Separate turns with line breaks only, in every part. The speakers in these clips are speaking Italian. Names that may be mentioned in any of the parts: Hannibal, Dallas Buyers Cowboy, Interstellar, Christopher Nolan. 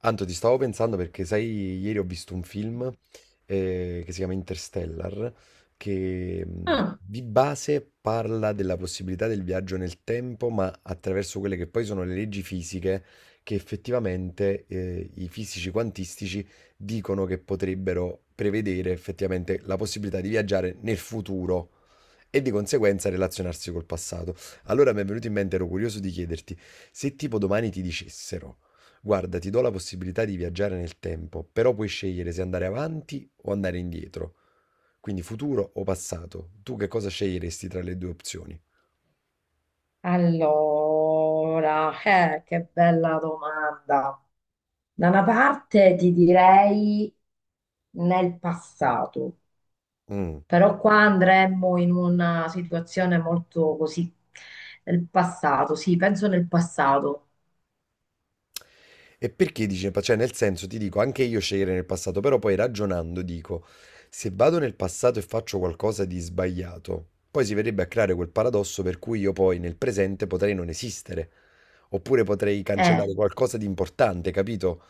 Anto, ti stavo pensando perché, sai, ieri ho visto un film che si chiama Interstellar, che
Ah,
di base parla della possibilità del viaggio nel tempo, ma attraverso quelle che poi sono le leggi fisiche che effettivamente i fisici quantistici dicono che potrebbero prevedere effettivamente la possibilità di viaggiare nel futuro e di conseguenza relazionarsi col passato. Allora mi è venuto in mente, ero curioso di chiederti, se tipo domani ti dicessero: guarda, ti do la possibilità di viaggiare nel tempo, però puoi scegliere se andare avanti o andare indietro, quindi futuro o passato. Tu che cosa sceglieresti tra le due opzioni?
allora, che bella domanda. Da una parte ti direi nel passato,
Mm.
però qua andremmo in una situazione molto così, nel passato, sì, penso nel passato.
E perché dice, cioè nel senso ti dico, anche io scegliere nel passato, però poi ragionando dico, se vado nel passato e faccio qualcosa di sbagliato, poi si verrebbe a creare quel paradosso per cui io poi nel presente potrei non esistere, oppure potrei
Eh,
cancellare qualcosa di importante, capito?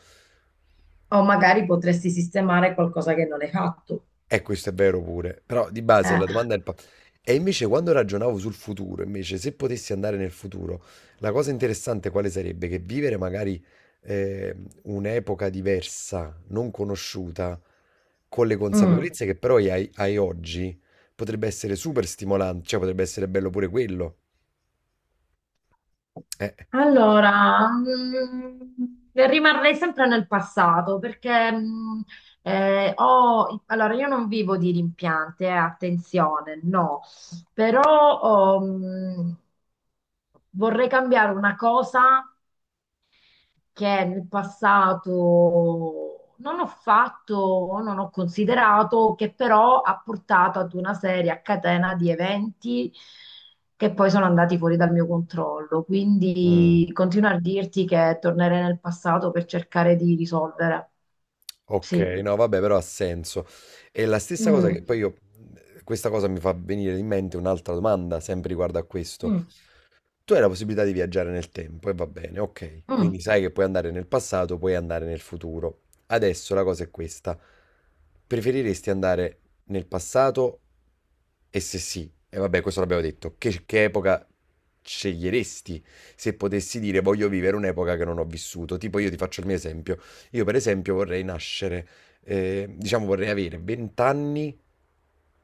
o magari potresti sistemare qualcosa che non hai fatto.
E questo è vero pure, però di base
Eh,
la domanda è il. E invece quando ragionavo sul futuro, invece se potessi andare nel futuro, la cosa interessante quale sarebbe? Che vivere magari eh, un'epoca diversa, non conosciuta, con le
mm.
consapevolezze che però hai oggi, potrebbe essere super stimolante, cioè potrebbe essere bello pure quello. Eh.
Allora, rimarrei sempre nel passato perché allora io non vivo di rimpianti, attenzione, no, però oh, vorrei cambiare una cosa che nel passato non ho fatto o non ho considerato, che però ha portato ad una serie a catena di eventi che poi sono andati fuori dal mio controllo.
Mm.
Quindi continuo a dirti che tornerei nel passato per cercare di risolvere.
Ok,
Sì.
no vabbè, però ha senso. E la stessa cosa
Mm,
che poi io, questa cosa mi fa venire in mente un'altra domanda, sempre riguardo a questo.
mm,
Tu hai la possibilità di viaggiare nel tempo e va bene, ok.
mm,
Quindi sai che puoi andare nel passato, puoi andare nel futuro. Adesso la cosa è questa. Preferiresti andare nel passato? E se sì, e vabbè, questo l'abbiamo detto, che epoca sceglieresti se potessi dire voglio vivere un'epoca che non ho vissuto? Tipo io ti faccio il mio esempio. Io per esempio vorrei nascere, diciamo vorrei avere 20 anni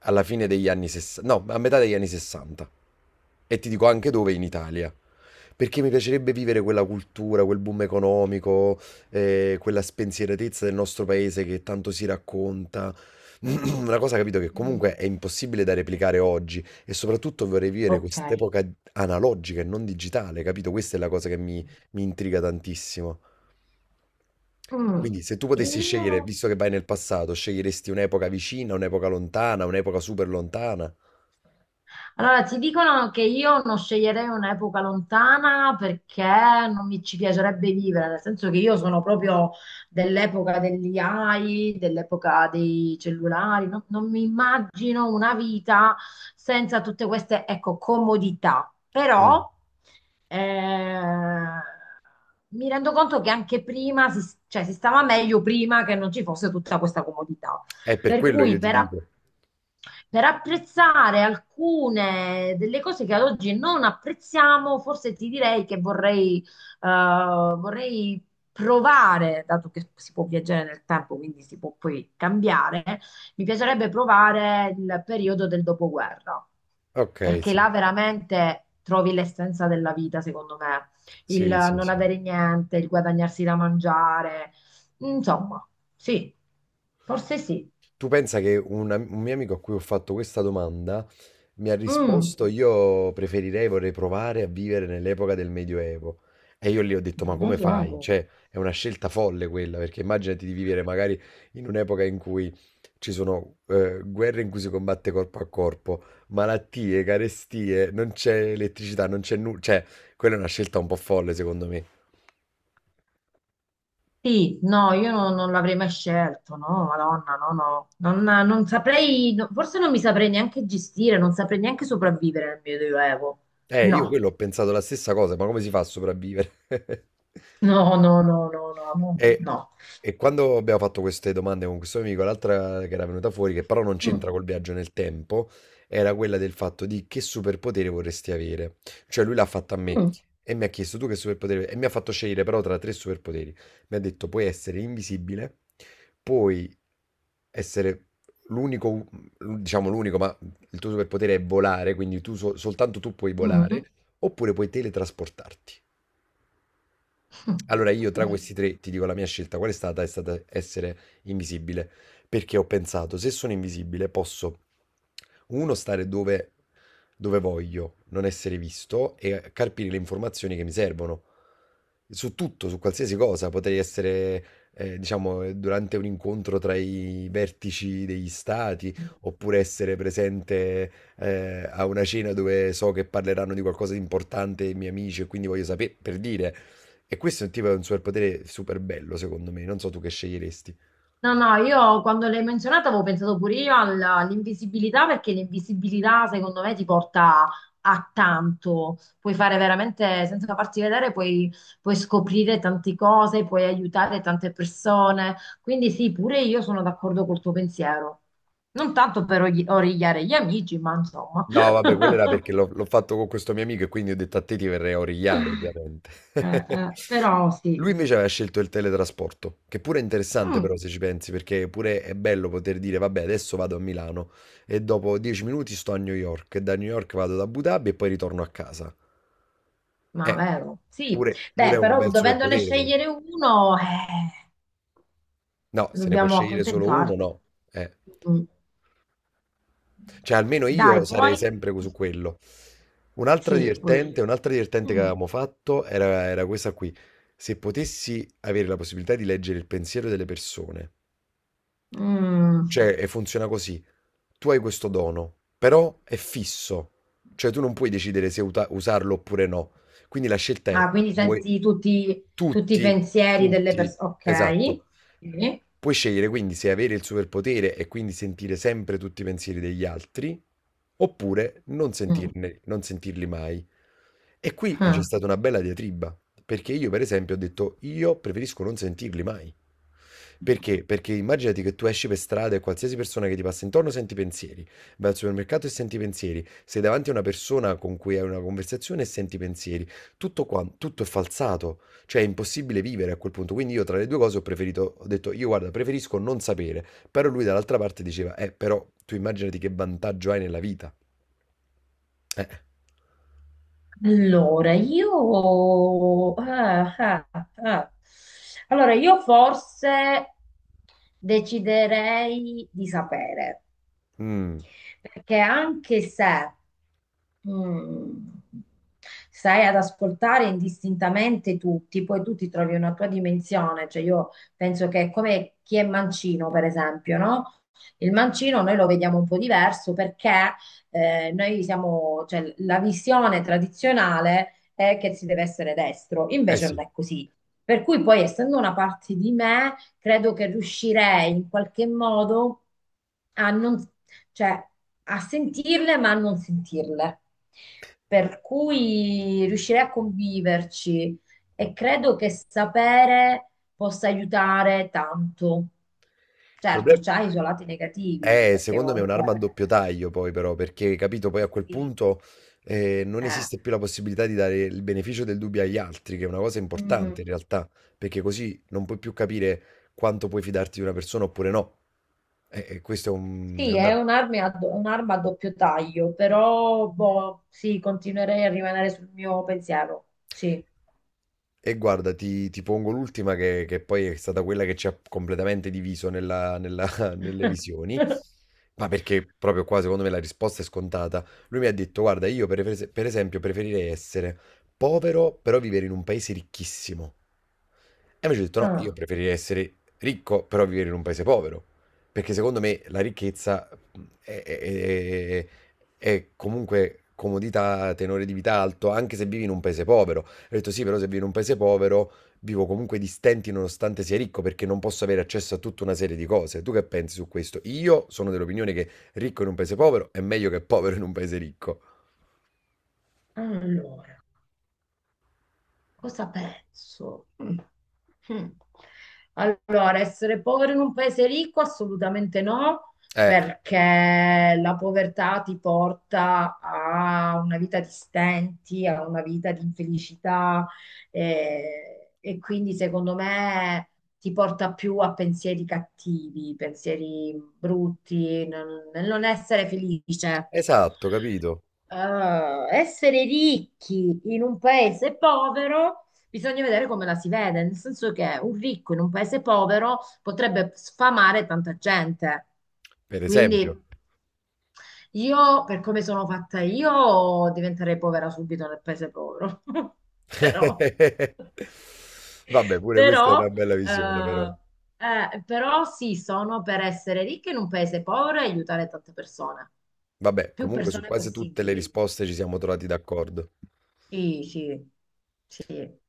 alla fine degli anni 60, no, a metà degli anni 60. E ti dico anche dove: in Italia. Perché mi piacerebbe vivere quella cultura, quel boom economico, quella spensieratezza del nostro paese che tanto si racconta. Una cosa, capito, che
mm.
comunque è impossibile da replicare oggi, e soprattutto vorrei vivere
Ok.
quest'epoca analogica e non digitale, capito? Questa è la cosa che mi intriga tantissimo.
Mm.
Quindi se tu potessi scegliere,
Io.
visto che vai nel passato, sceglieresti un'epoca vicina, un'epoca lontana, un'epoca super lontana?
Allora, ti dicono che io non sceglierei un'epoca lontana perché non mi ci piacerebbe vivere, nel senso che io sono proprio dell'epoca degli AI, dell'epoca dei cellulari, non mi immagino una vita senza tutte queste, ecco, comodità.
Mm.
Però eh, mi rendo conto che anche prima cioè, si stava meglio prima che non ci fosse tutta questa comodità.
È per
Per
quello io
cui
ti dico.
per apprezzare alcune delle cose che ad oggi non apprezziamo, forse ti direi che eh, vorrei provare, dato che si può viaggiare nel tempo, quindi si può poi cambiare, mi piacerebbe provare il periodo del dopoguerra,
Ok,
perché
sì,
là veramente trovi l'essenza della vita, secondo me il
sì, sì,
non
sì.
avere niente, il guadagnarsi da mangiare, insomma, sì, forse sì.
Tu pensa che un mio amico a cui ho fatto questa domanda mi ha
Mm,
risposto: io preferirei, vorrei provare a vivere nell'epoca del Medioevo. E io gli ho detto,
nel
ma come fai?
Medioevo.
Cioè, è una scelta folle quella, perché immaginati di vivere magari in un'epoca in cui ci sono guerre in cui si combatte corpo a corpo, malattie, carestie, non c'è elettricità, non c'è nulla. Cioè, quella è una scelta un po' folle, secondo me.
Sì, no, io non l'avrei mai scelto, no, Madonna, no, no, non saprei, no, forse non mi saprei neanche gestire, non saprei neanche sopravvivere nel Medioevo.
Io
No,
quello ho pensato la stessa cosa: ma come si fa a sopravvivere?
no, no, no, no, no, no,
E,
no.
e quando abbiamo fatto queste domande con questo amico, l'altra che era venuta fuori, che però non
Mm,
c'entra col viaggio nel tempo, era quella del fatto di che superpotere vorresti avere. Cioè lui l'ha fatta a me e mi ha chiesto: tu che superpotere. E mi ha fatto scegliere però tra tre superpoteri. Mi ha detto: puoi essere invisibile, puoi essere l'unico, diciamo l'unico, ma il tuo superpotere è volare, quindi tu soltanto tu puoi
mm, mm.
volare, oppure puoi teletrasportarti. Allora, io tra questi tre ti dico la mia scelta qual è stata? È stata essere invisibile, perché ho pensato, se sono invisibile posso, uno, stare dove voglio, non essere visto e carpire le informazioni che mi servono. Su tutto, su qualsiasi cosa, potrei essere, diciamo, durante un incontro tra i vertici degli stati,
Mm.
oppure essere presente, a una cena dove so che parleranno di qualcosa di importante i miei amici e quindi voglio sapere, per dire. E questo è un tipo, è un superpotere super bello, secondo me. Non so tu che sceglieresti.
No, no, io quando l'hai menzionata avevo pensato pure io all'invisibilità perché l'invisibilità secondo me ti porta a tanto, puoi fare veramente senza farti vedere, puoi scoprire tante cose, puoi aiutare tante persone, quindi sì, pure io sono d'accordo col tuo pensiero, non tanto per origliare gli amici, ma insomma,
No, vabbè, quello era perché l'ho fatto con questo mio amico e quindi ho detto a te ti verrei a origliare, ovviamente.
Però sì.
Lui invece aveva scelto il teletrasporto, che pure è interessante
Mm,
però se ci pensi, perché pure è bello poter dire, vabbè, adesso vado a Milano e dopo 10 minuti sto a New York, e da New York vado ad Abu Dhabi e poi ritorno a casa.
ma
Eh,
vero, sì,
pure, pure
beh,
è un
però
bel
dovendone
superpotere quello.
scegliere uno,
No, se ne puoi
dobbiamo
scegliere solo uno,
accontentarci.
no. Eh.
Mm.
Cioè, almeno io
Dai,
sarei
poi?
sempre su quello.
Sì, pure io.
Un'altra divertente che
Mm.
avevamo fatto era questa qui. Se potessi avere la possibilità di leggere il pensiero delle persone,
Mm.
cioè, e funziona così: tu hai questo dono, però è fisso, cioè tu non puoi decidere se usarlo oppure no. Quindi la scelta è,
Ah, quindi
vuoi
senti tutti, i
tutti,
pensieri delle
tutti,
persone. Ok.
esatto.
Sì.
Puoi scegliere quindi se avere il superpotere e quindi sentire sempre tutti i pensieri degli altri, oppure non
Mm.
sentirne, non sentirli mai. E qui c'è
Ah.
stata una bella diatriba, perché io per esempio ho detto, io preferisco non sentirli mai. Perché? Perché immaginati che tu esci per strada e qualsiasi persona che ti passa intorno senti pensieri, vai al supermercato e senti pensieri, sei davanti a una persona con cui hai una conversazione e senti pensieri, tutto qua, tutto è falsato, cioè è impossibile vivere a quel punto, quindi io tra le due cose ho preferito, ho detto: io guarda preferisco non sapere, però lui dall'altra parte diceva: eh, però tu immaginati che vantaggio hai nella vita. eh,
Allora, io... ah, ah, ah. Allora, io forse deciderei di sapere.
mm,
Perché anche se mm, stai ad ascoltare indistintamente tutti, poi tu ti trovi una tua dimensione, cioè io penso che è come chi è mancino, per esempio, no? Il mancino noi lo vediamo un po' diverso perché noi siamo, cioè, la visione tradizionale è che si deve essere destro,
eh
invece
sì,
non
il
è così. Per cui poi, essendo una parte di me, credo che riuscirei in qualche modo a non cioè a sentirle ma a non sentirle. Per cui riuscirei a conviverci e credo che sapere possa aiutare tanto. Certo,
problema.
c'ha i suoi lati negativi, perché
Secondo me è
comunque
un'arma a doppio taglio poi però, perché capito, poi a quel
sì,
punto non
eh,
esiste più la possibilità di dare il beneficio del dubbio agli altri, che è una cosa
mm,
importante in realtà, perché così non puoi più capire quanto puoi fidarti di una persona oppure no. E questo è un, è
sì,
un
è un'arma a doppio taglio, però boh, sì, continuerei a rimanere sul mio pensiero. Sì.
E guarda, ti pongo l'ultima che poi è stata quella che ci ha completamente diviso nelle visioni, ma perché proprio qua secondo me la risposta è scontata. Lui mi ha detto: guarda, io per esempio preferirei essere povero, però vivere in un paese ricchissimo. E invece ho detto, no, io
Ah,
preferirei essere ricco, però vivere in un paese povero, perché secondo me la ricchezza è, è- è- è comunque comodità, tenore di vita alto, anche se vivi in un paese povero. Ho detto sì, però se vivo in un paese povero vivo comunque di stenti nonostante sia ricco perché non posso avere accesso a tutta una serie di cose. Tu che pensi su questo? Io sono dell'opinione che ricco in un paese povero è meglio che povero in un paese ricco.
allora. Cosa penso? Mm. Mm. Allora, essere povero in un paese ricco? Assolutamente no,
Eh,
perché la povertà ti porta a una vita di stenti, a una vita di infelicità, e quindi secondo me ti porta più a pensieri cattivi, pensieri brutti, nel non essere felice.
esatto, capito?
Essere ricchi in un paese povero, bisogna vedere come la si vede, nel senso che un ricco in un paese povero potrebbe sfamare tanta gente.
Per esempio.
Quindi io, per come sono fatta io, diventerei povera subito nel paese povero. Però,
Vabbè, pure questa è una
però,
bella visione, però.
eh, però, sì, sono per essere ricca in un paese povero e aiutare tante persone,
Vabbè,
più
comunque su
persone
quasi tutte le
possibili.
risposte ci siamo trovati d'accordo.
Sì, sì.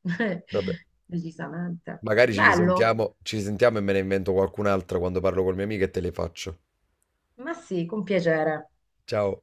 Vabbè,
Decisamente.
magari
Bello,
ci risentiamo e me ne invento qualcun'altra quando parlo col mio amico e te le faccio.
ma sì, con piacere.
Ciao.